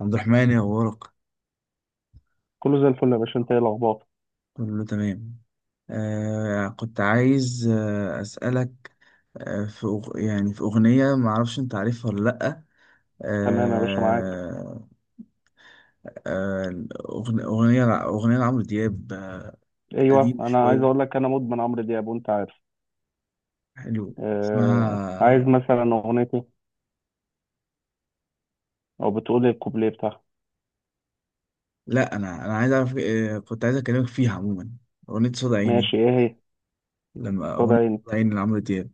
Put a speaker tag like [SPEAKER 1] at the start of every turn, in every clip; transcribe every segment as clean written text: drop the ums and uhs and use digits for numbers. [SPEAKER 1] عبد الرحمن، يا أخبارك؟
[SPEAKER 2] كله زي الفل يا باشا، انت ايه الاخبار؟
[SPEAKER 1] كله تمام. كنت عايز أسألك. في يعني في أغنية، معرفش أنت عارفها ولا لأ؟
[SPEAKER 2] تمام يا باشا، معاك.
[SPEAKER 1] آه آه أغنية لعمرو دياب،
[SPEAKER 2] ايوه،
[SPEAKER 1] قديمة
[SPEAKER 2] انا عايز اقول
[SPEAKER 1] شوية.
[SPEAKER 2] لك انا مدمن عمرو دياب وانت عارف.
[SPEAKER 1] حلو،
[SPEAKER 2] عايز
[SPEAKER 1] اسمها.
[SPEAKER 2] مثلا اغنيتي او بتقول إيه، الكوبليه بتاعها.
[SPEAKER 1] لأ، أنا عايز أعرف. كنت عايز أكلمك فيها عموما. أغنية صوت عيني.
[SPEAKER 2] ماشي، ايه هي؟
[SPEAKER 1] لما
[SPEAKER 2] قصاد
[SPEAKER 1] أغنية
[SPEAKER 2] عيني.
[SPEAKER 1] صوت عيني لعمرو دياب،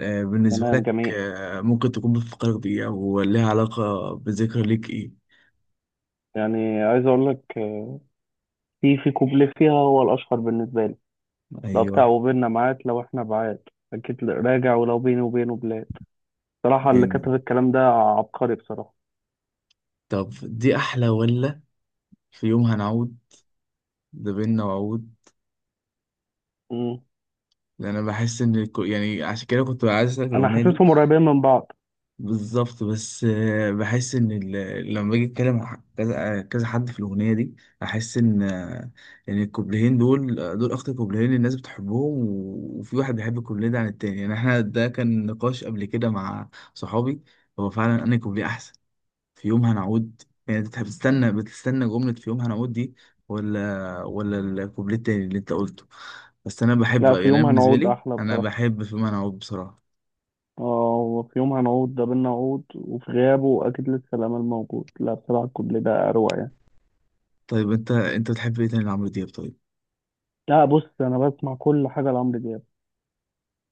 [SPEAKER 1] بالنسبة
[SPEAKER 2] تمام،
[SPEAKER 1] لك
[SPEAKER 2] جميل.
[SPEAKER 1] ممكن تكون بتفكرك بإيه، أو ليها علاقة بذكرى ليك إيه؟
[SPEAKER 2] يعني عايز اقول لك، في كوبليه فيها هو الاشهر بالنسبه لي. لو بتاع
[SPEAKER 1] أيوه.
[SPEAKER 2] وبيننا معاد، لو احنا بعاد اكيد راجع، ولو بيني وبينه بلاد. بصراحه اللي
[SPEAKER 1] جامد.
[SPEAKER 2] كتب الكلام ده عبقري بصراحه.
[SPEAKER 1] طب دي احلى، ولا في يوم هنعود ده بينا وعود؟
[SPEAKER 2] مم.
[SPEAKER 1] انا بحس ان يعني عشان كده كنت عايز اسالك
[SPEAKER 2] انا
[SPEAKER 1] الاغنيه دي.
[SPEAKER 2] حاسسهم قريبين من بعض.
[SPEAKER 1] بالظبط، بس بحس ان لما باجي اتكلم مع كذا، كذا حد في الاغنيه دي، احس ان ان الكوبلين دول، دول اكتر كوبلين الناس بتحبهم، وفي واحد بيحب الكوبلين ده عن التاني. يعني احنا ده كان نقاش قبل كده مع صحابي. هو فعلا انا كوبليه احسن. في يوم هنعود. يعني انت بتستنى جملة في يوم هنعود دي، ولا الكوبليه التاني اللي انت قلته؟ بس انا بحب،
[SPEAKER 2] لا، في
[SPEAKER 1] يعني انا
[SPEAKER 2] يوم
[SPEAKER 1] بالنسبة
[SPEAKER 2] هنقعد
[SPEAKER 1] لي
[SPEAKER 2] احلى
[SPEAKER 1] انا
[SPEAKER 2] بصراحه.
[SPEAKER 1] بحب في يوم هنعود بصراحة.
[SPEAKER 2] اه، وفي يوم هنعود ده بينا عود، وفي غيابه أكيد لسه الأمل موجود. لا، بصراحة الكوبليه ده أروع يعني.
[SPEAKER 1] طيب انت بتحب ايه تاني لعمرو دياب؟ طيب.
[SPEAKER 2] لا بص، أنا بسمع كل حاجة لعمرو دياب.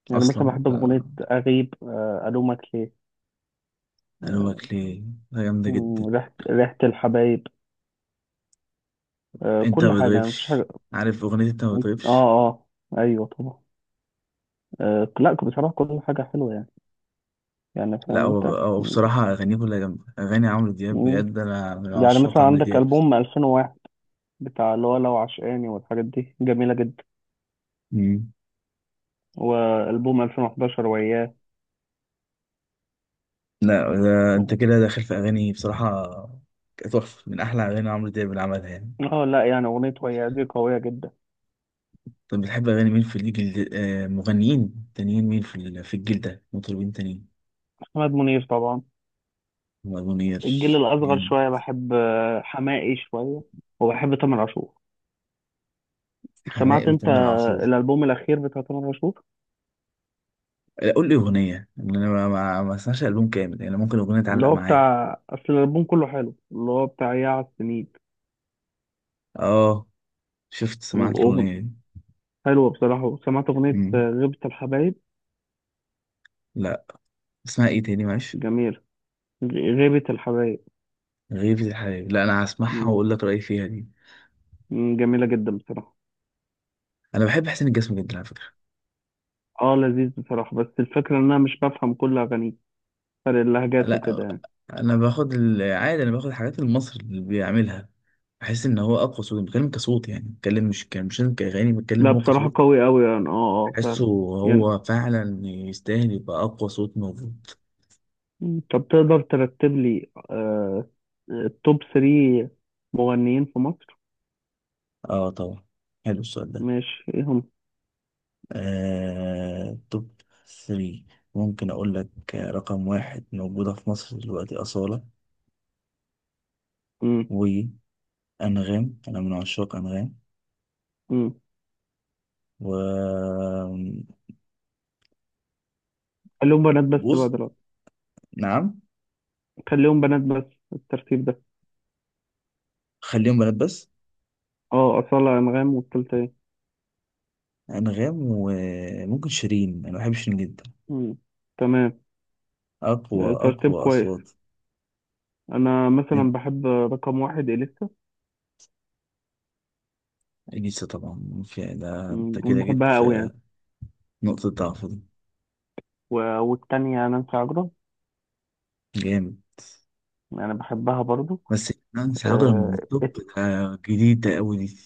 [SPEAKER 2] يعني مثلا
[SPEAKER 1] اصلا
[SPEAKER 2] بحب أغنية أغيب، ألومك ليه. آه،
[SPEAKER 1] الومك ليه. ده جامدة جدا.
[SPEAKER 2] ريحة الحبايب.
[SPEAKER 1] انت
[SPEAKER 2] كل
[SPEAKER 1] ما
[SPEAKER 2] حاجة يعني، مفيش
[SPEAKER 1] بتغيبش،
[SPEAKER 2] حاجة.
[SPEAKER 1] عارف اغنية انت ما
[SPEAKER 2] اه،
[SPEAKER 1] بتغيبش؟
[SPEAKER 2] اه، أيوه طبعا. لا بصراحة، كل حاجة حلوة يعني. يعني
[SPEAKER 1] لا،
[SPEAKER 2] فاهم
[SPEAKER 1] هو
[SPEAKER 2] أنت.
[SPEAKER 1] هو بصراحة اغانيه كلها جامدة. اغاني عمرو دياب
[SPEAKER 2] مم.
[SPEAKER 1] بجد، انا من
[SPEAKER 2] يعني
[SPEAKER 1] عشاق
[SPEAKER 2] مثلا
[SPEAKER 1] عمرو
[SPEAKER 2] عندك
[SPEAKER 1] دياب.
[SPEAKER 2] ألبوم 2001 بتاع، اللي هو لو عشقاني، والحاجات دي جميلة جدا.
[SPEAKER 1] مم.
[SPEAKER 2] وألبوم 2011 وياه.
[SPEAKER 1] لا، ده انت كده داخل في اغاني بصراحه. تحفه، من احلى اغاني عمرو دياب اللي عملها يعني.
[SPEAKER 2] اه لا، يعني اغنيه ويا دي قويه جدا.
[SPEAKER 1] طب بتحب اغاني مين في الجيل، مغنيين تانيين مين في في الجيل ده، مطربين تانيين؟
[SPEAKER 2] محمد منير طبعا.
[SPEAKER 1] محمد منير.
[SPEAKER 2] الجيل الاصغر
[SPEAKER 1] جامد.
[SPEAKER 2] شويه بحب، حماقي شويه. وبحب تامر عاشور.
[SPEAKER 1] حماقي
[SPEAKER 2] سمعت انت
[SPEAKER 1] وتامر عاشور.
[SPEAKER 2] الالبوم الاخير بتاع تامر عاشور؟
[SPEAKER 1] لا، قول لي اغنيه. ان انا ما اسمعش البوم كامل يعني، ممكن اغنيه
[SPEAKER 2] اللي
[SPEAKER 1] تعلق
[SPEAKER 2] هو
[SPEAKER 1] معايا.
[SPEAKER 2] بتاع، اصل الالبوم كله حلو، اللي هو بتاع يا على السنين.
[SPEAKER 1] اه. شفت سمعت
[SPEAKER 2] وأغن-
[SPEAKER 1] الاغنيه دي؟
[SPEAKER 2] حلوه بصراحه. سمعت اغنيه،
[SPEAKER 1] مم.
[SPEAKER 2] غيبه الحبايب.
[SPEAKER 1] لا. اسمها ايه تاني، معلش؟
[SPEAKER 2] جميله. غ- غيبه الحبايب.
[SPEAKER 1] غيبة الحبايب، لا انا هسمعها
[SPEAKER 2] م-
[SPEAKER 1] واقول لك رايي فيها دي.
[SPEAKER 2] جميله جدا بصراحه.
[SPEAKER 1] انا بحب حسين الجسمي جدا على فكره.
[SPEAKER 2] اه لذيذ بصراحه، بس الفكره ان انا مش بفهم كل اغانيه، فرق اللهجات وكده
[SPEAKER 1] لا،
[SPEAKER 2] يعني.
[SPEAKER 1] انا باخد العادي، انا باخد الحاجات اللي مصر اللي بيعملها. بحس ان هو اقوى صوت، بتكلم كصوت، يعني بتكلم مش كان مش لازم كاغاني، بتكلم
[SPEAKER 2] لا
[SPEAKER 1] هو
[SPEAKER 2] بصراحة،
[SPEAKER 1] كصوت.
[SPEAKER 2] قوي قوي يعني، اه اه
[SPEAKER 1] بحسه.
[SPEAKER 2] فعلا. يعني
[SPEAKER 1] هو فعلا يستاهل يبقى اقوى صوت موجود.
[SPEAKER 2] طب تقدر ترتب لي، آه، التوب 3 مغنيين في مصر؟
[SPEAKER 1] اه طبعا. حلو السؤال ده.
[SPEAKER 2] ماشي، ايه هم؟
[SPEAKER 1] توب 3 ممكن اقول لك. رقم واحد موجودة في مصر دلوقتي، أصالة.
[SPEAKER 2] مم.
[SPEAKER 1] وأنغام، أنا من عشاق أنغام.
[SPEAKER 2] مم.
[SPEAKER 1] و...
[SPEAKER 2] خليهم بنات بس بقى
[SPEAKER 1] بص.
[SPEAKER 2] دلوقتي.
[SPEAKER 1] نعم.
[SPEAKER 2] خليهم بنات بس الترتيب ده.
[SPEAKER 1] خليهم بنات بس.
[SPEAKER 2] اه، أصالة، أنغام، والتالتة ايه؟
[SPEAKER 1] انغام، وممكن شيرين، انا بحب شيرين جدا.
[SPEAKER 2] مم. تمام. آه،
[SPEAKER 1] اقوى
[SPEAKER 2] ترتيب
[SPEAKER 1] اقوى
[SPEAKER 2] كويس.
[SPEAKER 1] اصوات.
[SPEAKER 2] أنا
[SPEAKER 1] انت
[SPEAKER 2] مثلا بحب رقم واحد إليسا.
[SPEAKER 1] اليسا طبعا، في ده انت
[SPEAKER 2] مم، أنا
[SPEAKER 1] كده جيت
[SPEAKER 2] بحبها قوي
[SPEAKER 1] في
[SPEAKER 2] يعني.
[SPEAKER 1] نقطة ضعف دي.
[SPEAKER 2] والتانية نانسي عجرم.
[SPEAKER 1] جامد.
[SPEAKER 2] أنا بحبها برضو.
[SPEAKER 1] بس نانسي عجرم من
[SPEAKER 2] آه،
[SPEAKER 1] الطب ده، جديد ده، قوي دي.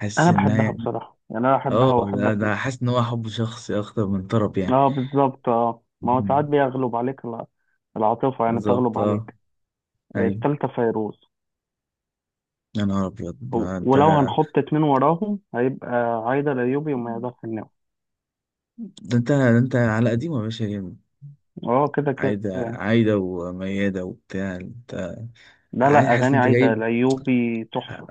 [SPEAKER 1] حاسس
[SPEAKER 2] أنا
[SPEAKER 1] انها
[SPEAKER 2] بحبها
[SPEAKER 1] يعني.
[SPEAKER 2] بصراحة يعني، أنا بحبها
[SPEAKER 1] اه،
[SPEAKER 2] وأحب
[SPEAKER 1] ده
[SPEAKER 2] أسمعها.
[SPEAKER 1] حاسس ان هو حب شخصي اكتر من طرب يعني.
[SPEAKER 2] اه بالظبط، اه، ما هو ساعات
[SPEAKER 1] مم.
[SPEAKER 2] بيغلب عليك العاطفة يعني،
[SPEAKER 1] بالظبط
[SPEAKER 2] تغلب
[SPEAKER 1] اه.
[SPEAKER 2] عليك.
[SPEAKER 1] ايوه.
[SPEAKER 2] التالتة فيروز.
[SPEAKER 1] يا نهار ابيض،
[SPEAKER 2] ولو هنحط اتنين وراهم، هيبقى عايدة الأيوبي وما يقدرش النوم.
[SPEAKER 1] ده انت على قديمه يا باشا. جامد.
[SPEAKER 2] اه كده كده
[SPEAKER 1] عايده،
[SPEAKER 2] يعني.
[SPEAKER 1] عايده ومياده وبتاع انت.
[SPEAKER 2] لا
[SPEAKER 1] عايز،
[SPEAKER 2] لا،
[SPEAKER 1] حاسس ان
[SPEAKER 2] أغاني
[SPEAKER 1] انت
[SPEAKER 2] عايدة
[SPEAKER 1] جايب.
[SPEAKER 2] الأيوبي تحفة.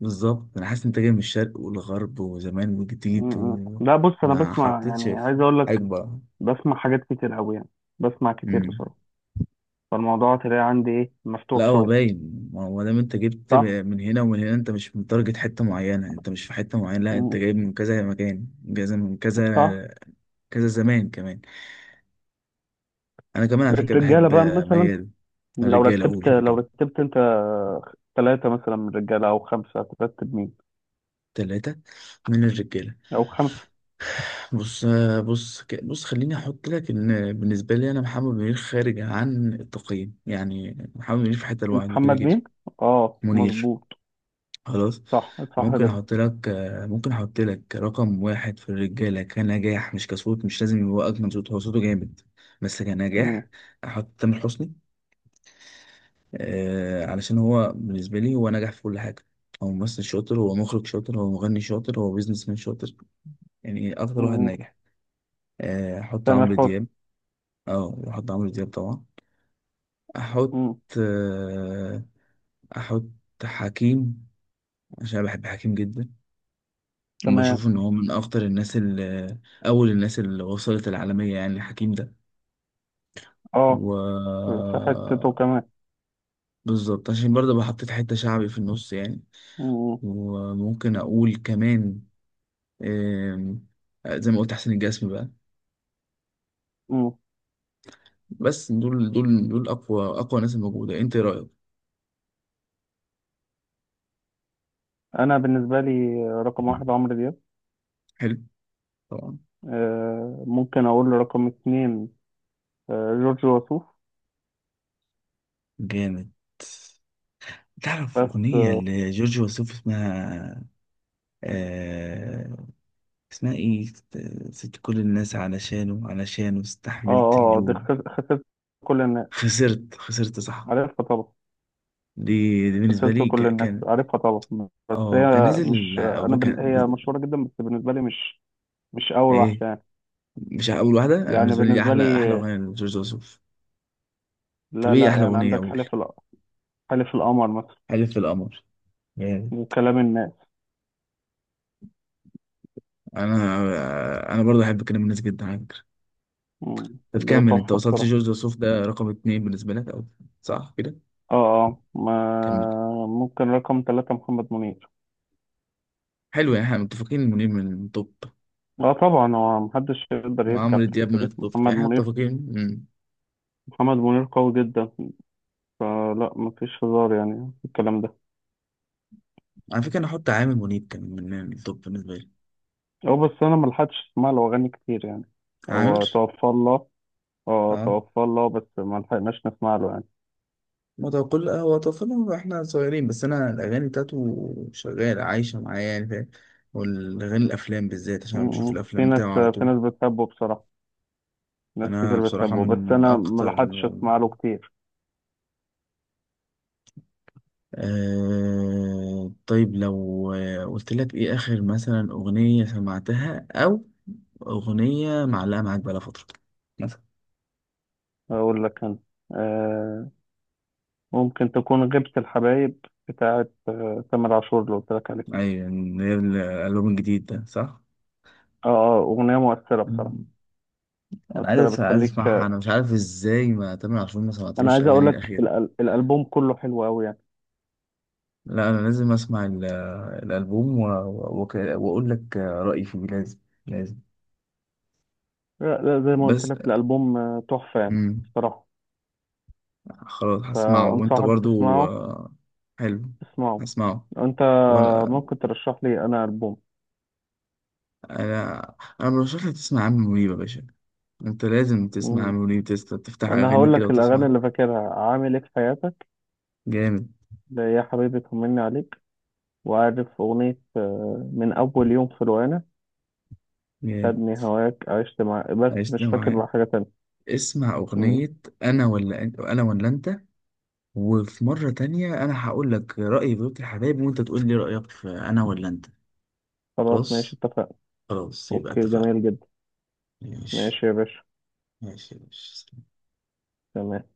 [SPEAKER 1] بالظبط، انا حاسس انت جاي من الشرق والغرب وزمان وجديد،
[SPEAKER 2] م. لا بص، أنا
[SPEAKER 1] وما
[SPEAKER 2] بسمع
[SPEAKER 1] حطيتش
[SPEAKER 2] يعني، عايز
[SPEAKER 1] في
[SPEAKER 2] أقول لك،
[SPEAKER 1] حقبه.
[SPEAKER 2] بسمع حاجات كتير أوي يعني، بسمع كتير
[SPEAKER 1] امم
[SPEAKER 2] بصراحة. فالموضوع تلاقي عندي إيه،
[SPEAKER 1] لا
[SPEAKER 2] مفتوح
[SPEAKER 1] هو
[SPEAKER 2] شوية.
[SPEAKER 1] باين، ما هو دام انت جبت
[SPEAKER 2] صح؟
[SPEAKER 1] من هنا ومن هنا، انت مش متارجت حته معينه، انت مش في حته معينه، لا انت
[SPEAKER 2] م.
[SPEAKER 1] جايب من كذا مكان، من كذا من كذا.
[SPEAKER 2] صح.
[SPEAKER 1] كذا زمان كمان. انا كمان على فكره
[SPEAKER 2] الرجالة
[SPEAKER 1] بحب
[SPEAKER 2] بقى مثلا،
[SPEAKER 1] ميال.
[SPEAKER 2] لو
[SPEAKER 1] الرجاله، اقول
[SPEAKER 2] رتبت، لو
[SPEAKER 1] الرجاله.
[SPEAKER 2] رتبت انت ثلاثة مثلا من الرجالة او خمسة، هترتب مين؟
[SPEAKER 1] ثلاثه من الرجاله.
[SPEAKER 2] او خمسة.
[SPEAKER 1] بص بص بص خليني احط لك ان بالنسبه لي، انا محمد منير خارج عن التقييم، يعني محمد منير في حته لوحده كده
[SPEAKER 2] محمد
[SPEAKER 1] كده.
[SPEAKER 2] مين؟ اه
[SPEAKER 1] منير.
[SPEAKER 2] مظبوط.
[SPEAKER 1] خلاص.
[SPEAKER 2] صح، صح
[SPEAKER 1] ممكن
[SPEAKER 2] جدا.
[SPEAKER 1] احط لك ممكن احط لك رقم واحد في الرجاله كنجاح مش كصوت، مش لازم يبقى اجمل صوت، هو صوته جامد بس
[SPEAKER 2] مم.
[SPEAKER 1] كنجاح، احط تامر حسني. علشان هو بالنسبه لي هو نجح في كل حاجه. هو ممثل شاطر، هو مخرج شاطر، هو مغني شاطر، هو بيزنس مان شاطر. يعني اكتر واحد
[SPEAKER 2] مم.
[SPEAKER 1] ناجح. احط
[SPEAKER 2] تامر
[SPEAKER 1] عمرو
[SPEAKER 2] حسني.
[SPEAKER 1] دياب. اه، واحط عمرو دياب طبعا. احط
[SPEAKER 2] مم.
[SPEAKER 1] آه، احط حكيم، عشان أنا بحب حكيم جدا.
[SPEAKER 2] تمام.
[SPEAKER 1] بشوف ان هو من اخطر الناس اللي اول الناس اللي وصلت العالمية، يعني حكيم ده.
[SPEAKER 2] اه،
[SPEAKER 1] و...
[SPEAKER 2] في حتته كمان.
[SPEAKER 1] بالظبط، عشان برضه بحطيت حتة شعبي في النص يعني.
[SPEAKER 2] مم.
[SPEAKER 1] وممكن اقول كمان آم، زي ما قلت حسين الجسمي بقى.
[SPEAKER 2] مم.
[SPEAKER 1] بس دول اقوى اقوى ناس الموجودة. انت إيه رأيك؟
[SPEAKER 2] انا بالنسبة لي، رقم واحد عمرو دياب.
[SPEAKER 1] حلو. طبعا.
[SPEAKER 2] آه، ممكن اقول رقم اتنين، آه، جورج وسوف.
[SPEAKER 1] جامد. تعرف
[SPEAKER 2] بس
[SPEAKER 1] أغنية
[SPEAKER 2] اه،
[SPEAKER 1] لجورج وسوف اسمها؟ آه اسمها إيه؟ سبت كل الناس علشانه، علشانه
[SPEAKER 2] اه،
[SPEAKER 1] استحملت
[SPEAKER 2] دي
[SPEAKER 1] اللوم.
[SPEAKER 2] خسرت كل الناس،
[SPEAKER 1] خسرت خسرت، صح.
[SPEAKER 2] عارفها طبعا.
[SPEAKER 1] دي, دي بالنسبة
[SPEAKER 2] سلسلة
[SPEAKER 1] لي
[SPEAKER 2] كل الناس،
[SPEAKER 1] كان.
[SPEAKER 2] عارفها طبعا، بس
[SPEAKER 1] اه كان
[SPEAKER 2] هي
[SPEAKER 1] نازل
[SPEAKER 2] مش،
[SPEAKER 1] كان.
[SPEAKER 2] هي مشهورة جدا بس بالنسبة لي مش، مش اول واحدة
[SPEAKER 1] إيه؟
[SPEAKER 2] يعني.
[SPEAKER 1] مش أول واحدة. أنا
[SPEAKER 2] يعني
[SPEAKER 1] بالنسبة لي
[SPEAKER 2] بالنسبة لي،
[SPEAKER 1] أحلى أحلى أغنية لجورج وسوف. طب
[SPEAKER 2] لا
[SPEAKER 1] إيه
[SPEAKER 2] لا
[SPEAKER 1] أحلى
[SPEAKER 2] يعني،
[SPEAKER 1] أغنية، أقول؟
[SPEAKER 2] حلف القمر مثلا.
[SPEAKER 1] حلف في القمر يعني.
[SPEAKER 2] وكلام الناس.
[SPEAKER 1] أنا أنا برضه أحب كلام الناس جدا على فكرة.
[SPEAKER 2] مم.
[SPEAKER 1] طب
[SPEAKER 2] ده
[SPEAKER 1] كمل، أنت
[SPEAKER 2] تحفة
[SPEAKER 1] وصلت
[SPEAKER 2] بصراحة.
[SPEAKER 1] جورج وسوف ده رقم اتنين بالنسبة لك، أو صح كده؟
[SPEAKER 2] اه، اه، ما
[SPEAKER 1] كمل.
[SPEAKER 2] ممكن رقم ثلاثة محمد منير.
[SPEAKER 1] حلو، يعني احنا متفقين. منيب من الطب،
[SPEAKER 2] اه طبعا، هو محدش يقدر يرجع
[SPEAKER 1] وعمرو
[SPEAKER 2] في
[SPEAKER 1] دياب
[SPEAKER 2] الحتة
[SPEAKER 1] من
[SPEAKER 2] دي،
[SPEAKER 1] الطب، يعني
[SPEAKER 2] محمد
[SPEAKER 1] احنا
[SPEAKER 2] منير.
[SPEAKER 1] متفقين. مم.
[SPEAKER 2] محمد منير قوي جدا، فلا مفيش هزار يعني في الكلام ده.
[SPEAKER 1] على فكرة انا احط عامر منيب كان من الطب بالنسبة لي.
[SPEAKER 2] هو بس انا ملحقتش اسمع له اغاني كتير يعني.
[SPEAKER 1] عامر.
[SPEAKER 2] هو توفى الله. اه
[SPEAKER 1] اه،
[SPEAKER 2] توفى الله، بس ما لحقناش نسمع له يعني.
[SPEAKER 1] ما هو كل هو طفلنا واحنا صغيرين، بس انا الاغاني بتاعته شغالة عايشة معايا، يعني فاهم. والاغاني الافلام بالذات، عشان أنا بشوف
[SPEAKER 2] م. في
[SPEAKER 1] الافلام
[SPEAKER 2] ناس
[SPEAKER 1] بتاعه على
[SPEAKER 2] في
[SPEAKER 1] طول.
[SPEAKER 2] ناس بتحبه بصراحة، ناس
[SPEAKER 1] انا
[SPEAKER 2] كتير
[SPEAKER 1] بصراحة
[SPEAKER 2] بتحبه بس
[SPEAKER 1] من
[SPEAKER 2] انا ما
[SPEAKER 1] اكتر
[SPEAKER 2] لحقتش اسمع له كتير.
[SPEAKER 1] طيب لو قلت لك ايه اخر مثلا اغنية سمعتها، او اغنية معلقة معاك بقالها فترة؟
[SPEAKER 2] اقول لك انا، آه، ممكن تكون غيبة الحبايب بتاعت، آه، تامر عاشور، اللي قلت لك عليه.
[SPEAKER 1] ايوه، اللي هي الالبوم الجديد ده صح.
[SPEAKER 2] اه، اه، اغنية مؤثرة بصراحة،
[SPEAKER 1] مم.
[SPEAKER 2] مؤثرة
[SPEAKER 1] عايز
[SPEAKER 2] بتخليك.
[SPEAKER 1] اسمعها، انا مش عارف ازاي ما تامر عاشور ما
[SPEAKER 2] انا
[SPEAKER 1] سمعتلوش
[SPEAKER 2] عايز اقول
[SPEAKER 1] اغاني
[SPEAKER 2] لك
[SPEAKER 1] الاخيره.
[SPEAKER 2] الالبوم كله حلو قوي يعني.
[SPEAKER 1] لا انا لازم اسمع الالبوم واقول لك رايي فيه. لازم لازم.
[SPEAKER 2] لا لا، زي ما قلت
[SPEAKER 1] بس
[SPEAKER 2] لك الالبوم، تحفة يعني
[SPEAKER 1] مم.
[SPEAKER 2] بصراحة.
[SPEAKER 1] خلاص هسمعه، وانت
[SPEAKER 2] فانصحك
[SPEAKER 1] برضو
[SPEAKER 2] تسمعه،
[SPEAKER 1] حلو.
[SPEAKER 2] تسمعه
[SPEAKER 1] هسمعه.
[SPEAKER 2] انت.
[SPEAKER 1] وانا
[SPEAKER 2] ممكن ترشح لي انا
[SPEAKER 1] انا انا برشح لك تسمع عم منيب يا باشا. انت لازم تسمع عم
[SPEAKER 2] البوم؟
[SPEAKER 1] منيب تفتح
[SPEAKER 2] انا
[SPEAKER 1] اغاني
[SPEAKER 2] هقول
[SPEAKER 1] كده
[SPEAKER 2] لك الاغاني
[SPEAKER 1] وتسمع.
[SPEAKER 2] اللي فاكرها عامل ايه في حياتك.
[SPEAKER 1] جامد.
[SPEAKER 2] ده يا حبيبي طمني عليك. وعارف اغنيه، من اول يوم في روقانه،
[SPEAKER 1] جامد.
[SPEAKER 2] خدني هواك، عشت مع، بس
[SPEAKER 1] عشت
[SPEAKER 2] مش فاكر
[SPEAKER 1] معاه.
[SPEAKER 2] بقى حاجه تانية.
[SPEAKER 1] اسمع
[SPEAKER 2] مم.
[SPEAKER 1] أغنية أنا ولا أنت، أنا ولا أنت. وفي مرة تانية أنا هقول لك رأيي في بيوت الحبايب، وأنت تقول لي رأيك في أنا ولا أنت.
[SPEAKER 2] خلاص ماشي،
[SPEAKER 1] خلاص.
[SPEAKER 2] اتفقنا.
[SPEAKER 1] خلاص يبقى
[SPEAKER 2] اوكي،
[SPEAKER 1] اتفقنا.
[SPEAKER 2] جميل جدا.
[SPEAKER 1] ماشي
[SPEAKER 2] ماشي يا باشا.
[SPEAKER 1] ماشي ماشي.
[SPEAKER 2] تمام.